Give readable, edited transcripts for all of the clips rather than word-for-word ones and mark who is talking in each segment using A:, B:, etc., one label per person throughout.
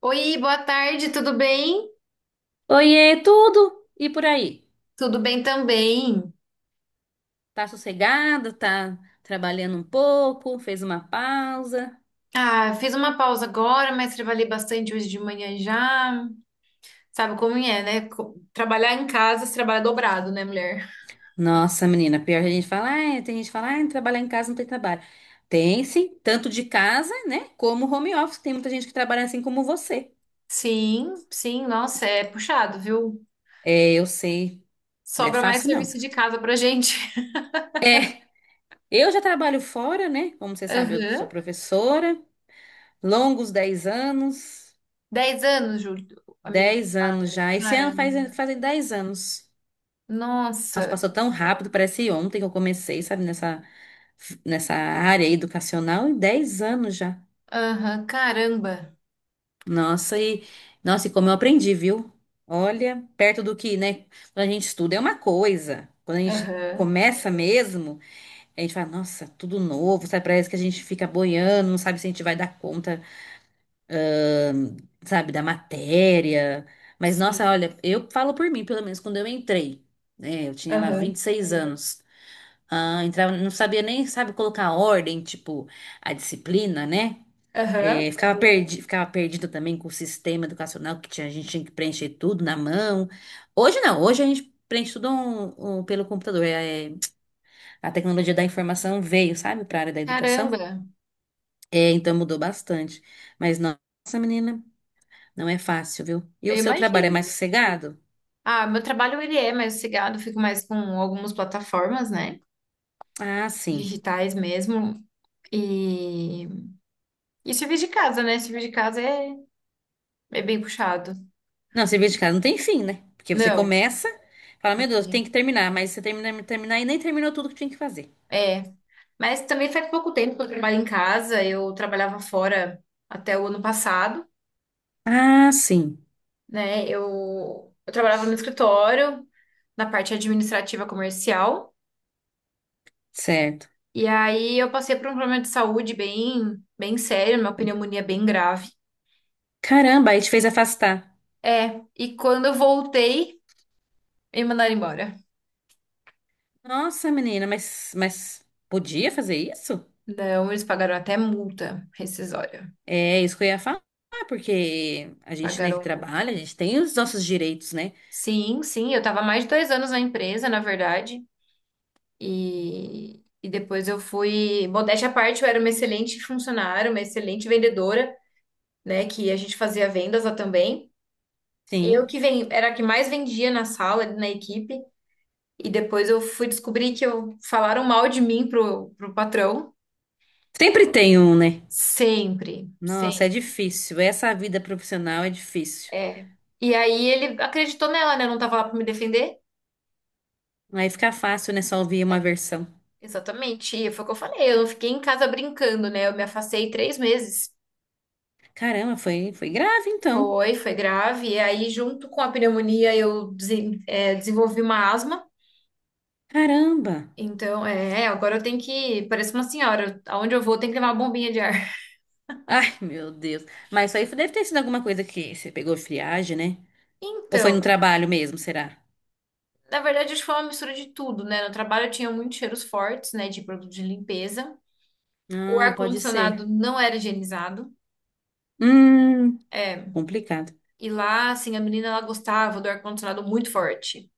A: Oi, boa tarde, tudo bem?
B: Oiê, tudo? E por aí?
A: Tudo bem também.
B: Tá sossegado? Tá trabalhando um pouco? Fez uma pausa?
A: Ah, fiz uma pausa agora, mas trabalhei bastante hoje de manhã já. Sabe como é, né? Trabalhar em casa, você trabalha dobrado, né, mulher?
B: Nossa, menina, pior que a gente fala, ah, tem gente que fala, ah, trabalhar em casa não tem trabalho. Tem sim, tanto de casa, né, como home office. Tem muita gente que trabalha assim como você.
A: Sim, sim, nossa, é puxado, viu?
B: É, eu sei, não é
A: Sobra mais
B: fácil não.
A: serviço de casa pra gente.
B: É, eu já trabalho fora, né? Como você sabe, eu sou
A: Aham.
B: professora, longos 10 anos,
A: 10 anos, Júlio, amiga de
B: 10 anos
A: trabalho.
B: já. Esse ano
A: Caramba.
B: faz, fazem 10 anos. Nossa,
A: Nossa.
B: passou tão rápido, parece ontem que eu comecei, sabe, nessa área educacional, em 10 anos já.
A: Aham, caramba.
B: Nossa, e nossa, e como eu aprendi, viu? Olha, perto do que, né? Quando a gente estuda é uma coisa. Quando a gente
A: Aham.
B: começa mesmo, a gente fala, nossa, tudo novo, sabe? Parece que a gente fica boiando, não sabe se a gente vai dar conta, hum, sabe, da matéria. Mas,
A: Sim.
B: nossa, olha, eu falo por mim, pelo menos quando eu entrei, né? Eu tinha lá vinte
A: Aham.
B: e seis anos. Ah, entrava, não sabia nem, sabe, colocar ordem, tipo, a disciplina, né?
A: Aham.
B: É, ficava perdida também com o sistema educacional que tinha, a gente tinha que preencher tudo na mão. Hoje não, hoje a gente preenche tudo um pelo computador. É, a tecnologia da informação veio, sabe, para a área da educação.
A: Caramba.
B: É, então mudou bastante. Mas nossa, menina, não é fácil, viu? E o
A: Eu
B: seu trabalho é mais
A: imagino.
B: sossegado?
A: Ah, meu trabalho ele é mais sossegado, fico mais com algumas plataformas, né?
B: Ah, sim.
A: Digitais mesmo. E, e serviço de casa, né? Serviço de casa é bem puxado.
B: Não, cerveja de casa não tem fim, né? Porque você
A: Não,
B: começa, fala, meu Deus,
A: assim,
B: tem que terminar, mas você termina, terminar e nem terminou tudo que tinha que fazer.
A: é. Mas também faz pouco tempo que eu trabalho em casa. Eu trabalhava fora até o ano passado,
B: Ah, sim,
A: né? Eu trabalhava no escritório, na parte administrativa comercial.
B: certo.
A: E aí eu passei por um problema de saúde bem, bem sério, uma pneumonia é bem grave.
B: Caramba, aí te fez afastar.
A: É, e quando eu voltei, e mandaram embora.
B: Nossa, menina, mas podia fazer isso?
A: Não, eles pagaram até multa rescisória.
B: É isso que eu ia falar, porque a gente, né, que
A: Pagaram multa.
B: trabalha, a gente tem os nossos direitos, né?
A: Sim, sim, eu tava há mais de 2 anos na empresa, na verdade. E depois eu fui. Modéstia à parte, eu era uma excelente funcionária, uma excelente vendedora, né? Que a gente fazia vendas lá também. Eu
B: Sim.
A: que era a que mais vendia na sala, na equipe. E depois eu fui descobrir que eu falaram mal de mim pro patrão.
B: Sempre tem um, né?
A: Sempre,
B: Nossa, é
A: sempre.
B: difícil. Essa vida profissional é difícil.
A: É. E aí ele acreditou nela, né? Eu não tava lá pra me defender.
B: Aí fica fácil, né? Só ouvir uma versão.
A: Exatamente, e foi o que eu falei, eu não fiquei em casa brincando, né? Eu me afastei 3 meses.
B: Caramba, foi grave então.
A: Foi, foi grave. E aí, junto com a pneumonia, eu desenvolvi uma asma.
B: Caramba.
A: Então, é, agora eu tenho que. Parece uma senhora, aonde eu vou, tem que levar uma bombinha de ar.
B: Ai, meu Deus. Mas isso aí deve ter sido alguma coisa que você pegou friagem, né? Ou foi no
A: Então,
B: trabalho mesmo, será?
A: na verdade, acho que foi uma mistura de tudo, né? No trabalho eu tinha muitos cheiros fortes, né, de produto de limpeza. O
B: Ah, pode ser.
A: ar-condicionado não era higienizado.
B: Hum,
A: É,
B: complicado.
A: e lá, assim, a menina, ela gostava do ar-condicionado muito forte.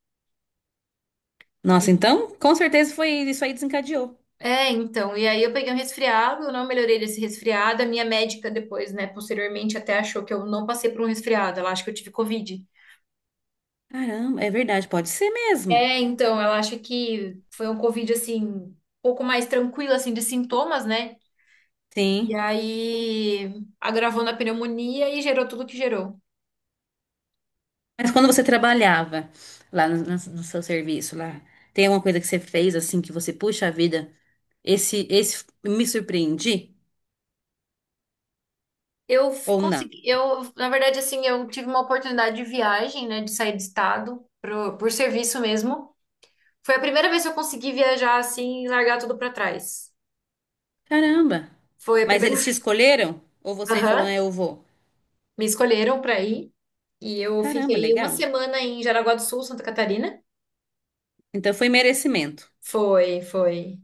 B: Nossa, então, com certeza foi isso aí desencadeou.
A: É, então, e aí eu peguei um resfriado, eu não melhorei desse resfriado. A minha médica depois, né, posteriormente até achou que eu não passei por um resfriado, ela acha que eu tive Covid.
B: Caramba, é verdade, pode ser mesmo.
A: É, então, ela acha que foi um Covid, assim, um pouco mais tranquilo, assim, de sintomas, né? E
B: Sim.
A: aí agravou na pneumonia e gerou tudo que gerou.
B: Mas quando você trabalhava lá no seu serviço, lá, tem alguma coisa que você fez assim que você puxa a vida? Esse me surpreendi
A: Eu
B: ou não?
A: consegui, eu, na verdade, assim, eu tive uma oportunidade de viagem, né, de sair do estado, pro, por serviço mesmo. Foi a primeira vez que eu consegui viajar, assim, e largar tudo pra trás.
B: Caramba.
A: Foi a
B: Mas
A: primeira.
B: eles te escolheram? Ou você falou,
A: Aham,
B: né, eu vou?
A: me escolheram para ir e eu
B: Caramba,
A: fiquei uma
B: legal.
A: semana em Jaraguá do Sul, Santa Catarina.
B: Então foi merecimento.
A: Foi, foi.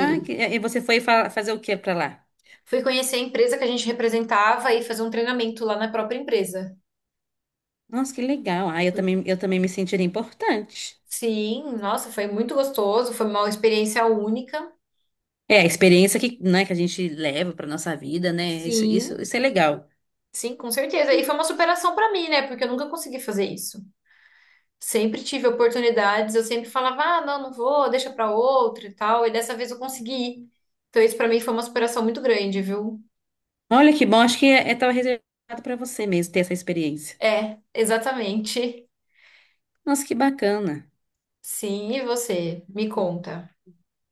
B: Ah, e você foi fazer o que pra lá?
A: fui conhecer a empresa que a gente representava e fazer um treinamento lá na própria empresa.
B: Nossa, que legal. Ah, eu também me sentiria importante.
A: Sim, nossa, foi muito gostoso, foi uma experiência única.
B: É a experiência que, né, que a gente leva pra nossa vida, né? Isso,
A: Sim,
B: isso, isso é legal.
A: sim, com certeza. E foi uma superação para mim, né? Porque eu nunca consegui fazer isso. Sempre tive oportunidades, eu sempre falava, ah, não, não vou, deixa para outro e tal. E dessa vez eu consegui. Então isso para mim foi uma superação muito grande, viu?
B: Olha que bom, acho que é tava reservado pra você mesmo ter essa experiência.
A: É, exatamente.
B: Nossa, que bacana.
A: Sim, e você? Me conta.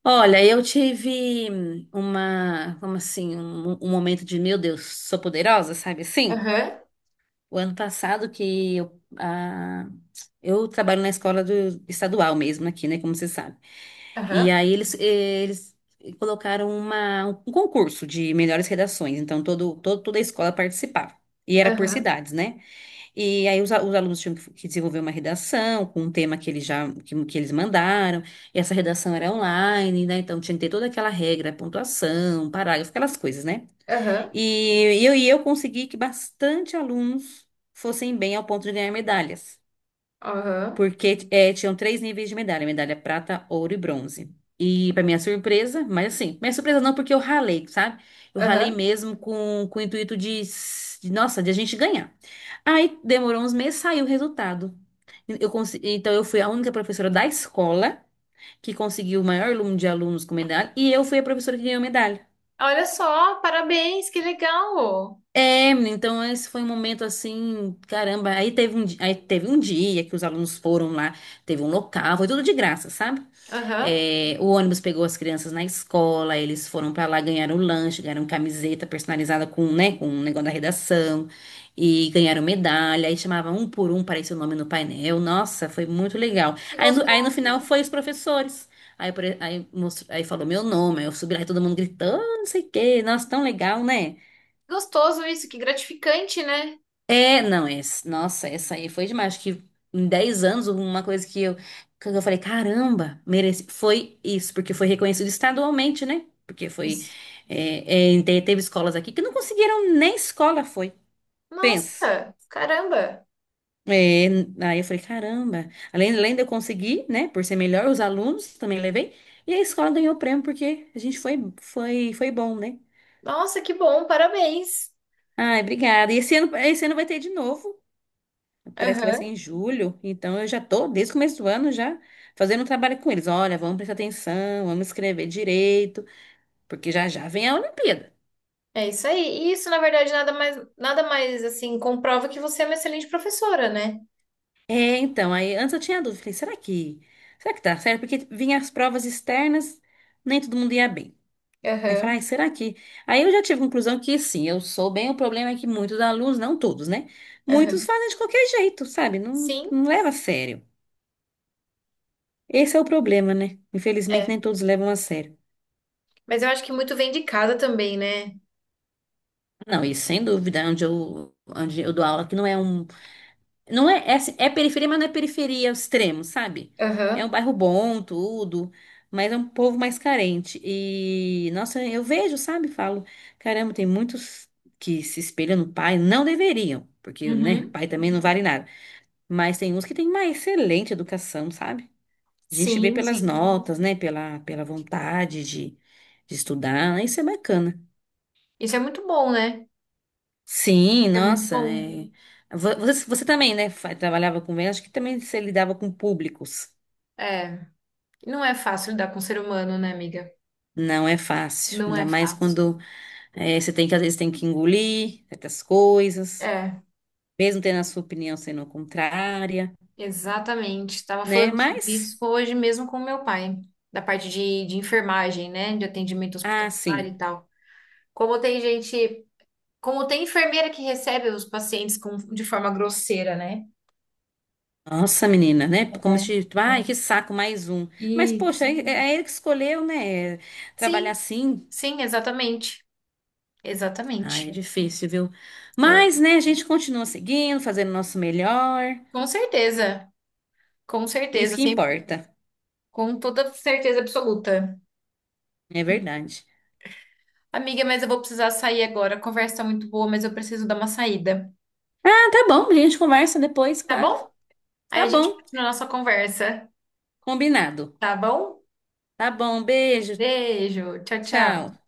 B: Olha, eu tive uma, como assim, um, momento de, meu Deus, sou poderosa, sabe assim?
A: Aham,
B: O ano passado que eu trabalho na escola do, estadual mesmo aqui, né? Como você sabe. E
A: aham,
B: aí eles colocaram um concurso de melhores redações, então toda a escola participava. E era por
A: aham,
B: cidades, né? E aí os alunos tinham que desenvolver uma redação com um tema que eles já que eles mandaram, e essa redação era online, né? Então tinha que ter toda aquela regra, pontuação, um parágrafo, aquelas coisas, né?
A: aham,
B: E eu consegui que bastante alunos fossem bem ao ponto de ganhar medalhas
A: aham,
B: porque é, tinham três níveis de medalha, medalha prata, ouro e bronze. E para minha surpresa, mas assim, minha surpresa não, porque eu ralei, sabe? Eu ralei
A: aham.
B: mesmo com o intuito de, s- de, nossa, de a gente ganhar. Aí demorou uns meses, saiu o resultado. Então eu fui a única professora da escola que conseguiu o maior número de alunos com medalha, e eu fui a professora que ganhou medalha.
A: Olha só, parabéns, que legal!
B: É, menina, então esse foi um momento assim, caramba, aí teve um dia que os alunos foram lá, teve um local, foi tudo de graça, sabe?
A: Aham.
B: É, o ônibus pegou as crianças na escola, eles foram pra lá, ganharam lanche, ganharam camiseta personalizada com, né, com um negócio da redação e ganharam medalha, aí chamava um por um, parecia o nome no painel. Nossa, foi muito legal.
A: Que
B: Aí no final
A: gostoso.
B: foi os professores. Aí falou meu nome, aí eu subi lá e todo mundo gritou, "Ah, não sei o quê. Nossa, tão legal, né?
A: Gostoso isso, que gratificante, né?
B: É, não, esse, nossa, essa aí foi demais. Acho que em 10 anos, uma coisa que eu falei, caramba, mereci. Foi isso, porque foi reconhecido estadualmente, né? Porque foi.
A: Isso.
B: É, teve escolas aqui que não conseguiram nem escola, foi. Pensa.
A: Nossa, caramba.
B: É, aí eu falei, caramba. Além de eu conseguir, né, por ser melhor, os alunos também levei. E a escola ganhou o prêmio porque a gente foi, foi, foi bom, né?
A: Nossa, que bom, parabéns.
B: Ai, obrigada. E esse ano vai ter de novo. Parece que vai ser
A: Aham,
B: em julho, então eu já tô desde o começo do ano já fazendo um trabalho com eles. Olha, vamos prestar atenção, vamos escrever direito, porque já já vem a Olimpíada.
A: é isso aí. E isso, na verdade, nada mais, nada mais assim, comprova que você é uma excelente professora, né?
B: É, então, aí antes eu tinha dúvida, falei, será que, tá certo? Porque vinha as provas externas, nem todo mundo ia bem. Aí eu falei,
A: Aham,
B: ai, será que? Aí eu já tive a conclusão que sim, eu sou bem, o problema é que muitos alunos, não todos, né? Muitos
A: aham.
B: fazem de qualquer jeito, sabe? Não,
A: Sim,
B: não leva a sério. Esse é o problema, né? Infelizmente,
A: é.
B: nem todos levam a sério.
A: Mas eu acho que muito vem de casa também, né?
B: Não, e sem dúvida, é onde eu dou aula, que não é um. Não é, é, assim, é periferia, mas não é periferia ao extremo, sabe? É um
A: Aham.
B: bairro bom, tudo, mas é um povo mais carente. E, nossa, eu vejo, sabe? Falo, caramba, tem muitos que se espelham no pai, não deveriam, porque, né,
A: Uhum.
B: pai também não vale nada. Mas tem uns que têm uma excelente educação, sabe? A gente vê
A: Sim,
B: pelas
A: sim.
B: notas, né? Pela vontade de estudar, né? Isso é bacana.
A: Isso é muito bom, né?
B: Sim,
A: É muito
B: nossa.
A: bom.
B: É. Você também, né? Trabalhava com vendas, acho que também você lidava com públicos.
A: É. Não é fácil lidar com o ser humano, né, amiga?
B: Não é fácil,
A: Não
B: ainda
A: é
B: mais
A: fácil.
B: quando é, você tem que, às vezes, tem que engolir certas coisas,
A: É,
B: mesmo tendo a sua opinião sendo contrária,
A: exatamente. Estava
B: né?
A: falando sobre isso
B: Mas,
A: hoje mesmo com meu pai, da parte de enfermagem, né? De atendimento
B: ah,
A: hospitalar
B: sim.
A: e tal. Como tem gente, como tem enfermeira que recebe os pacientes com, de forma grosseira, né?
B: Nossa, menina, né? Como
A: É.
B: se, ai, que saco, mais um. Mas, poxa,
A: Isso.
B: é, é ele que escolheu, né? Trabalhar
A: Sim,
B: assim.
A: sim, exatamente.
B: Ai, é
A: Exatamente.
B: difícil, viu? Mas, né, a gente continua seguindo, fazendo o nosso melhor.
A: Com certeza, com
B: Isso
A: certeza,
B: que
A: sempre,
B: importa.
A: com toda certeza absoluta.
B: É verdade.
A: Amiga, mas eu vou precisar sair agora. A conversa tá muito boa, mas eu preciso dar uma saída.
B: Ah, tá bom. A gente conversa depois,
A: Tá
B: claro.
A: bom? Aí
B: Tá
A: a gente
B: bom.
A: continua a nossa conversa,
B: Combinado.
A: tá bom?
B: Tá bom. Beijo.
A: Beijo, tchau,
B: Tchau.
A: tchau.